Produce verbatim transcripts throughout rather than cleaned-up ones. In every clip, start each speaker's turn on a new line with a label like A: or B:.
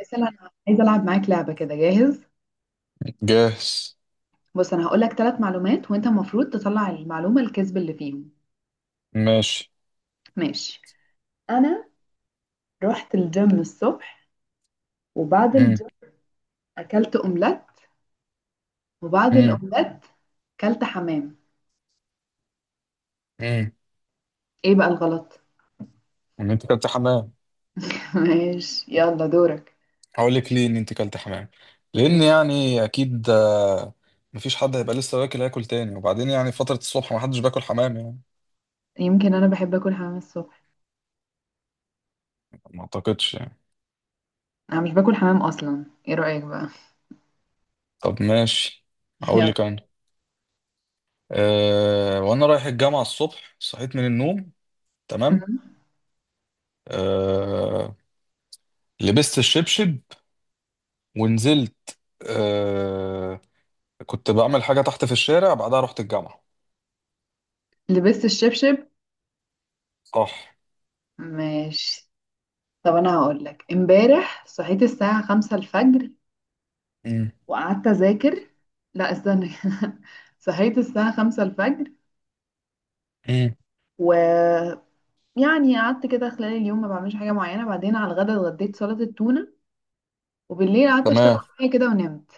A: مثلا، انا عايزه العب معاك لعبه كده. جاهز؟
B: جاهز.
A: بص، انا هقول لك ثلاث معلومات وانت المفروض تطلع المعلومه الكذب اللي فيهم.
B: ماشي.
A: ماشي. انا رحت الجيم الصبح، وبعد
B: امم.
A: الجيم اكلت اومليت، وبعد
B: امم.
A: الاومليت اكلت حمام.
B: امم.
A: ايه بقى الغلط؟
B: ان انت كلت حمام.
A: ماشي، يلا دورك.
B: هقول لك ليه ان انت كلت حمام، لان يعني اكيد، آه، مفيش حد هيبقى لسه واكل هياكل تاني، وبعدين يعني فترة الصبح ما حدش باكل حمام يعني.
A: يمكن انا بحب اكل حمام الصبح.
B: ما اعتقدش يعني.
A: انا مش باكل حمام اصلا. ايه رايك بقى؟
B: طب ماشي. هقول
A: يلا.
B: لك انا. أه وانا رايح الجامعة الصبح صحيت من النوم. تمام.
A: مم.
B: أه لبست الشبشب ونزلت. أه كنت بعمل حاجة تحت في الشارع بعدها رحت الجامعة.
A: لبست الشبشب.
B: صح.
A: ماشي. طب انا هقول لك امبارح صحيت الساعه خمسة الفجر
B: امم.
A: وقعدت اذاكر. لا استنى كده. صحيت الساعة خمسة الفجر،
B: امم.
A: ويعني قعدت كده خلال اليوم ما بعملش حاجة معينة، بعدين على الغدا اتغديت سلطة التونة، وبالليل قعدت اشتغل
B: تمام.
A: شوية كده ونمت.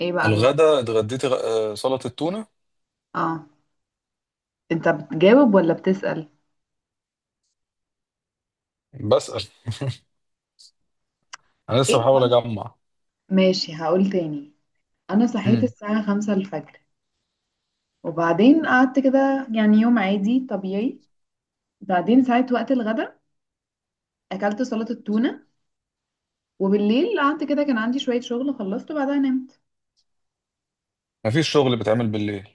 A: ايه بقى الغلط؟
B: الغدا اتغديت غ- آه، سلطة تونة.
A: اه، انت بتجاوب ولا بتسأل؟
B: بسأل. انا
A: ايه
B: لسه بحاول
A: الغلط؟
B: اجمع.
A: ماشي هقول تاني. انا صحيت
B: امم.
A: الساعة خمسة الفجر، وبعدين قعدت كده يعني يوم عادي طبيعي. بعدين ساعة وقت الغدا اكلت سلطة التونة، وبالليل قعدت كده كان عندي شوية شغل خلصت وبعدها نمت.
B: مفيش شغل بيتعمل بالليل.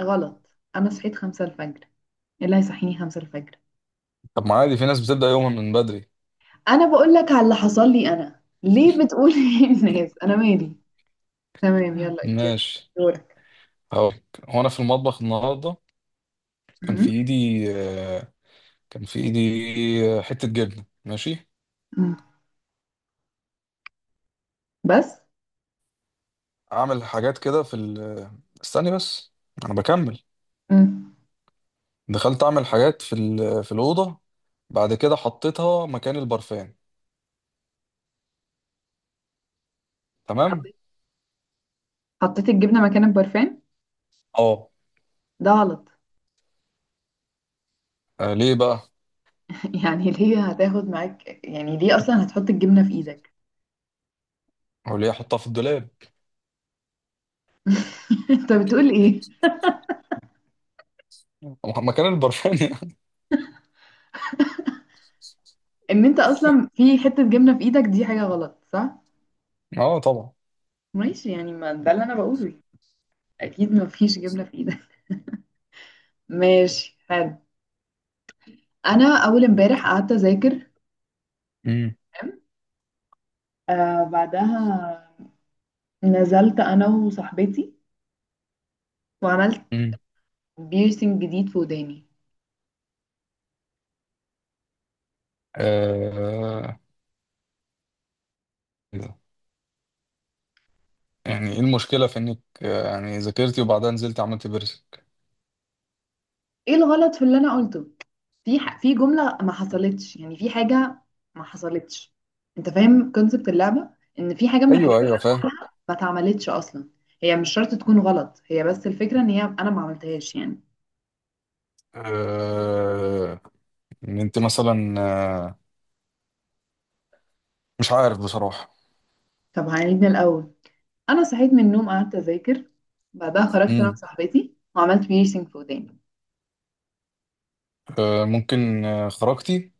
A: غلط. انا صحيت خمسة الفجر. إيه اللي هيصحيني خمسة الفجر؟
B: طب ما عادي في ناس بتبدأ يومها من بدري.
A: انا بقول لك على اللي حصل لي، انا ليه بتقول ايه الناس؟ انا مالي. تمام،
B: مم.
A: يلا اوكي.
B: ماشي.
A: دورك.
B: هقولك هو انا في المطبخ النهارده. كان في
A: مم.
B: ايدي آه، كان في ايدي آه، حتة جبنة. ماشي.
A: مم. بس.
B: اعمل حاجات كده في ال... استني بس، انا بكمل.
A: مم.
B: دخلت اعمل حاجات في ال... في الأوضة. بعد كده حطيتها مكان البرفان. تمام.
A: حطيت حطيت الجبنة مكان البرفان.
B: اه.
A: ده غلط.
B: آه، ليه بقى،
A: يعني ليه هتاخد معاك، يعني ليه اصلا هتحط الجبنة في ايدك؟
B: هو ليه احطها في الدولاب
A: انت بتقول ايه؟
B: مكان البرفان.
A: ان انت اصلا في حتة جبنة في ايدك دي حاجة غلط، صح؟
B: اه طبعا.
A: ماشي، يعني ما ده اللي انا بقوله. اكيد ما فيش جبنة في ايدك. ماشي، حلو. انا اول امبارح قعدت اذاكر.
B: امم.
A: تمام؟ آه، بعدها نزلت انا وصاحبتي وعملت
B: امم.
A: بيرسينج جديد في وداني.
B: آه إيه ده؟ يعني ايه المشكله في انك، آه، يعني ذاكرتي وبعدها نزلت عملت بيرسك.
A: ايه الغلط في اللي انا قلته؟ في ح... في جملة ما حصلتش، يعني في حاجة ما حصلتش. انت فاهم كونسبت اللعبة؟ ان في حاجة من الحاجات
B: ايوه
A: اللي
B: ايوه فاهم.
A: ما اتعملتش اصلا. هي مش شرط تكون غلط، هي بس الفكرة ان هي انا ما عملتهاش يعني.
B: آه إن انت مثلا، آه، مش عارف بصراحه.
A: طب هنعيد من الاول. انا صحيت من النوم قعدت اذاكر. بعدها خرجت انا
B: امم.
A: وصاحبتي وعملت بيرسينج في وداني.
B: آه ممكن، آه، خرجتي،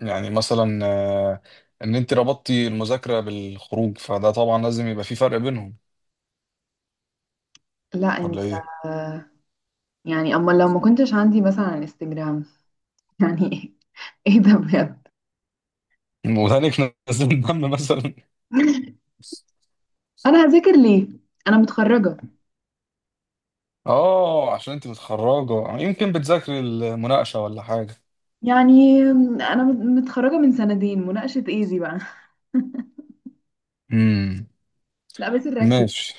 B: يعني مثلا، آه ان انت ربطتي المذاكره بالخروج، فده طبعا لازم يبقى في فرق بينهم.
A: لا
B: ولا
A: انت.
B: ايه؟
A: يعني أما لو ما كنتش عندي مثلا انستجرام. يعني إيه ده بجد؟
B: ودانك نزل دم مثلا.
A: أنا هذاكر ليه؟ أنا متخرجة.
B: اه عشان انت متخرجه، يعني يمكن بتذاكري المناقشه ولا حاجه.
A: يعني أنا مت- متخرجة من سنتين، مناقشة إيه دي بقى؟
B: امم.
A: لا بس ركز.
B: ماشي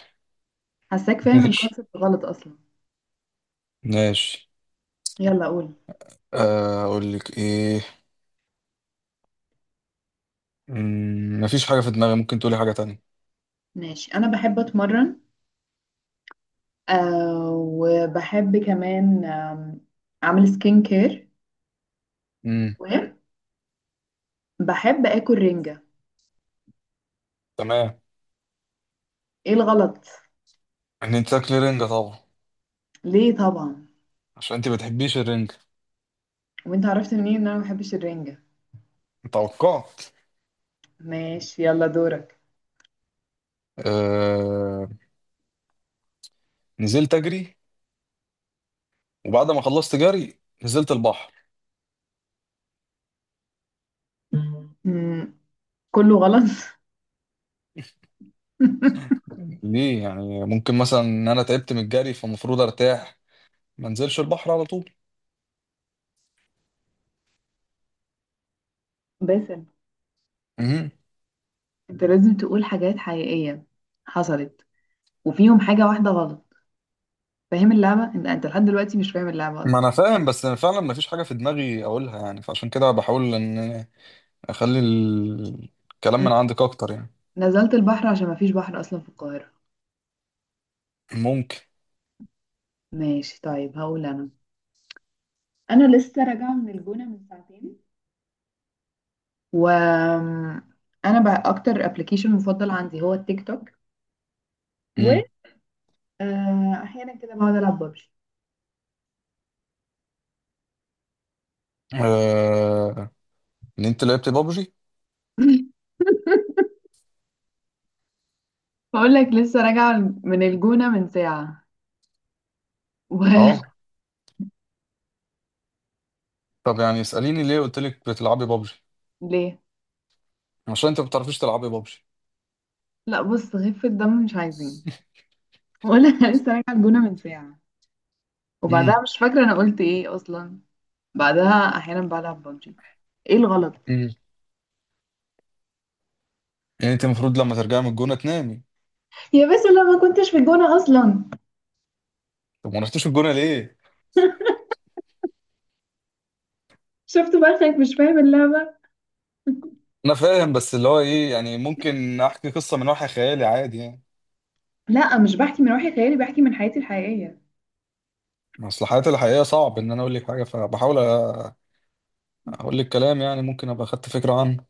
A: حاساك فاهم
B: ماشي
A: الكونسيبت غلط أصلا.
B: ماشي.
A: يلا قول.
B: آه، اقول لك ايه. مم، مفيش حاجه في دماغي. ممكن تقولي حاجه تانية.
A: ماشي، أنا بحب أتمرن. آه وبحب كمان آم، أعمل سكين كير.
B: امم.
A: وبحب آكل رنجة.
B: تمام.
A: إيه الغلط؟
B: ان انت تاكلي رنجه طبعا.
A: ليه طبعا؟
B: عشان انت ما بتحبيش الرنجه.
A: وانت عرفت منين ان انا ما بحبش الرنجة؟
B: توقعت.
A: ماشي، يلا دورك.
B: آه... نزلت اجري، وبعد ما خلصت جري نزلت البحر.
A: مم. كله غلط.
B: ليه يعني، ممكن مثلا ان انا تعبت من الجري فالمفروض ارتاح، ما انزلش البحر على طول.
A: باسل.
B: امم.
A: انت لازم تقول حاجات حقيقية حصلت، وفيهم حاجة واحدة غلط. فاهم اللعبة؟ انت انت لحد دلوقتي مش فاهم اللعبة
B: ما
A: اصلا.
B: انا فاهم بس أنا فعلا مفيش حاجه في دماغي اقولها، يعني فعشان كده بحاول ان اخلي ال- الكلام
A: م-
B: من عندك اكتر يعني.
A: نزلت البحر عشان مفيش بحر اصلا في القاهرة.
B: ممكن.
A: ماشي طيب، هقول انا. انا لسه راجعة من الجونة من ساعتين، و انا بقى اكتر ابلكيشن مفضل عندي هو التيك توك، و
B: امم.
A: آه، احيانا كده بقعد العب ببجي.
B: آه... ان انت لعبت بابجي.
A: بقول لك لسه راجعة من الجونة من ساعة و
B: اه. طب يعني اساليني ليه قلت لك بتلعبي بابجي.
A: ليه؟
B: عشان انت ما بتعرفيش تلعبي بابجي.
A: لا، بص، خفة الدم مش عايزين. ولا أنا لسه راجعه الجونه من ساعه، وبعدها
B: امم.
A: مش فاكره انا قلت ايه اصلا. بعدها احيانا بلعب ببجي. ايه الغلط؟
B: امم. يعني انت المفروض لما ترجعي من الجونه تنامي.
A: يا بس لا، ما كنتش في الجونه اصلا.
B: طب ما رحتيش الجونه ليه؟
A: شفت بقى؟ خايف مش فاهم اللعبه.
B: انا فاهم بس اللي هو ايه، يعني ممكن احكي قصه من وحي خيالي عادي يعني.
A: لا، مش بحكي من وحي خيالي، بحكي من حياتي الحقيقيه.
B: اصل حياتي الحقيقيه صعب ان انا اقول لك حاجه، فبحاول اقول لك كلام، يعني ممكن ابقى خدت فكره عنه.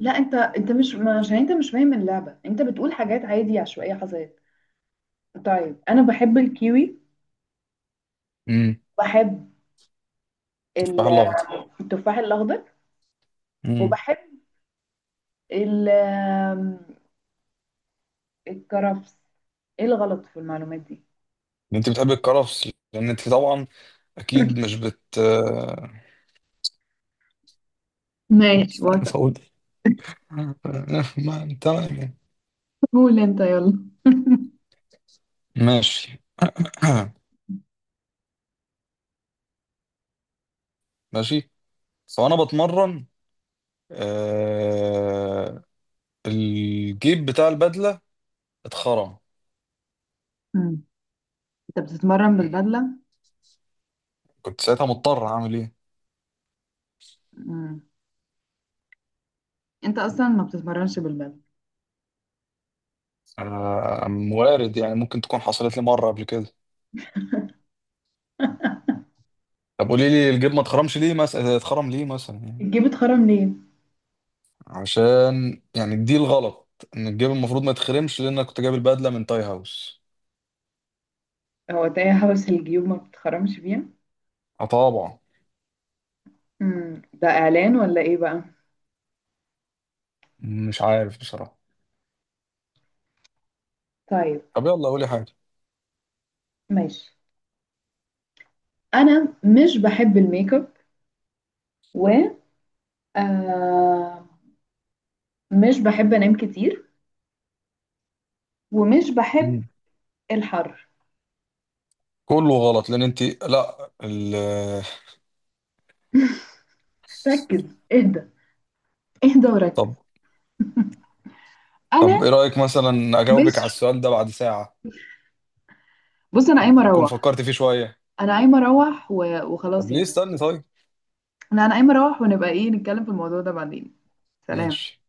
A: لا، انت انت مش ما- عشان انت مش فاهم اللعبه، انت بتقول حاجات عادي عشوائيه حصلت. طيب، انا بحب الكيوي.
B: امم.
A: بحب
B: تفاح
A: ال-
B: الاخضر.
A: التفاح الاخضر.
B: امم.
A: وبحب ال- الكرفس. ايه الغلط في المعلومات دي؟
B: انت بتحبي الكرفس لان انت طبعا اكيد مش بت آه،
A: ماشي،
B: مش عارف اقول إيه. ما تمام يعني.
A: قول انت يلا.
B: ماشي. ماشي. فانا بتمرن، آه الجيب بتاع البدله اتخرم.
A: مم. انت بتتمرن بالبدله؟
B: كنت ساعتها مضطر اعمل ايه.
A: مم. انت اصلا ما بتتمرنش بالبدله.
B: آه وارد يعني، ممكن تكون حصلت لي مره قبل كده. طب قولي لي الجيب ما اتخرمش ليه مثلا، اتخرم ليه مثلا يعني.
A: الجيب اتخرم ليه؟
B: عشان يعني دي الغلط، ان الجيب المفروض ما يتخرمش لان انا كنت جايب البدله من تاي هاوس.
A: هو تايه حبس الجيوب ما بتخرمش بيها؟
B: اه طبعا.
A: مم. ده اعلان ولا ايه بقى؟
B: مش عارف بصراحه.
A: طيب.
B: طب يلا قولي حاجه.
A: ماشي، انا مش بحب الميك اب، و آه مش بحب انام كتير، ومش بحب الحر.
B: كله غلط لان انت لا ال...
A: ركز، اهدى. اهدى
B: طب.
A: وركز.
B: طب
A: انا
B: ايه رايك مثلا
A: مش.
B: اجاوبك على السؤال ده بعد ساعه،
A: بص، انا قايمه
B: اكون
A: اروح.
B: فكرت فيه شويه.
A: انا قايمه اروح و.
B: طب
A: وخلاص
B: ليه
A: يعني.
B: استني طيب.
A: لا، انا قايمه اروح ونبقى ايه نتكلم في الموضوع ده بعدين. سلام.
B: ماشي.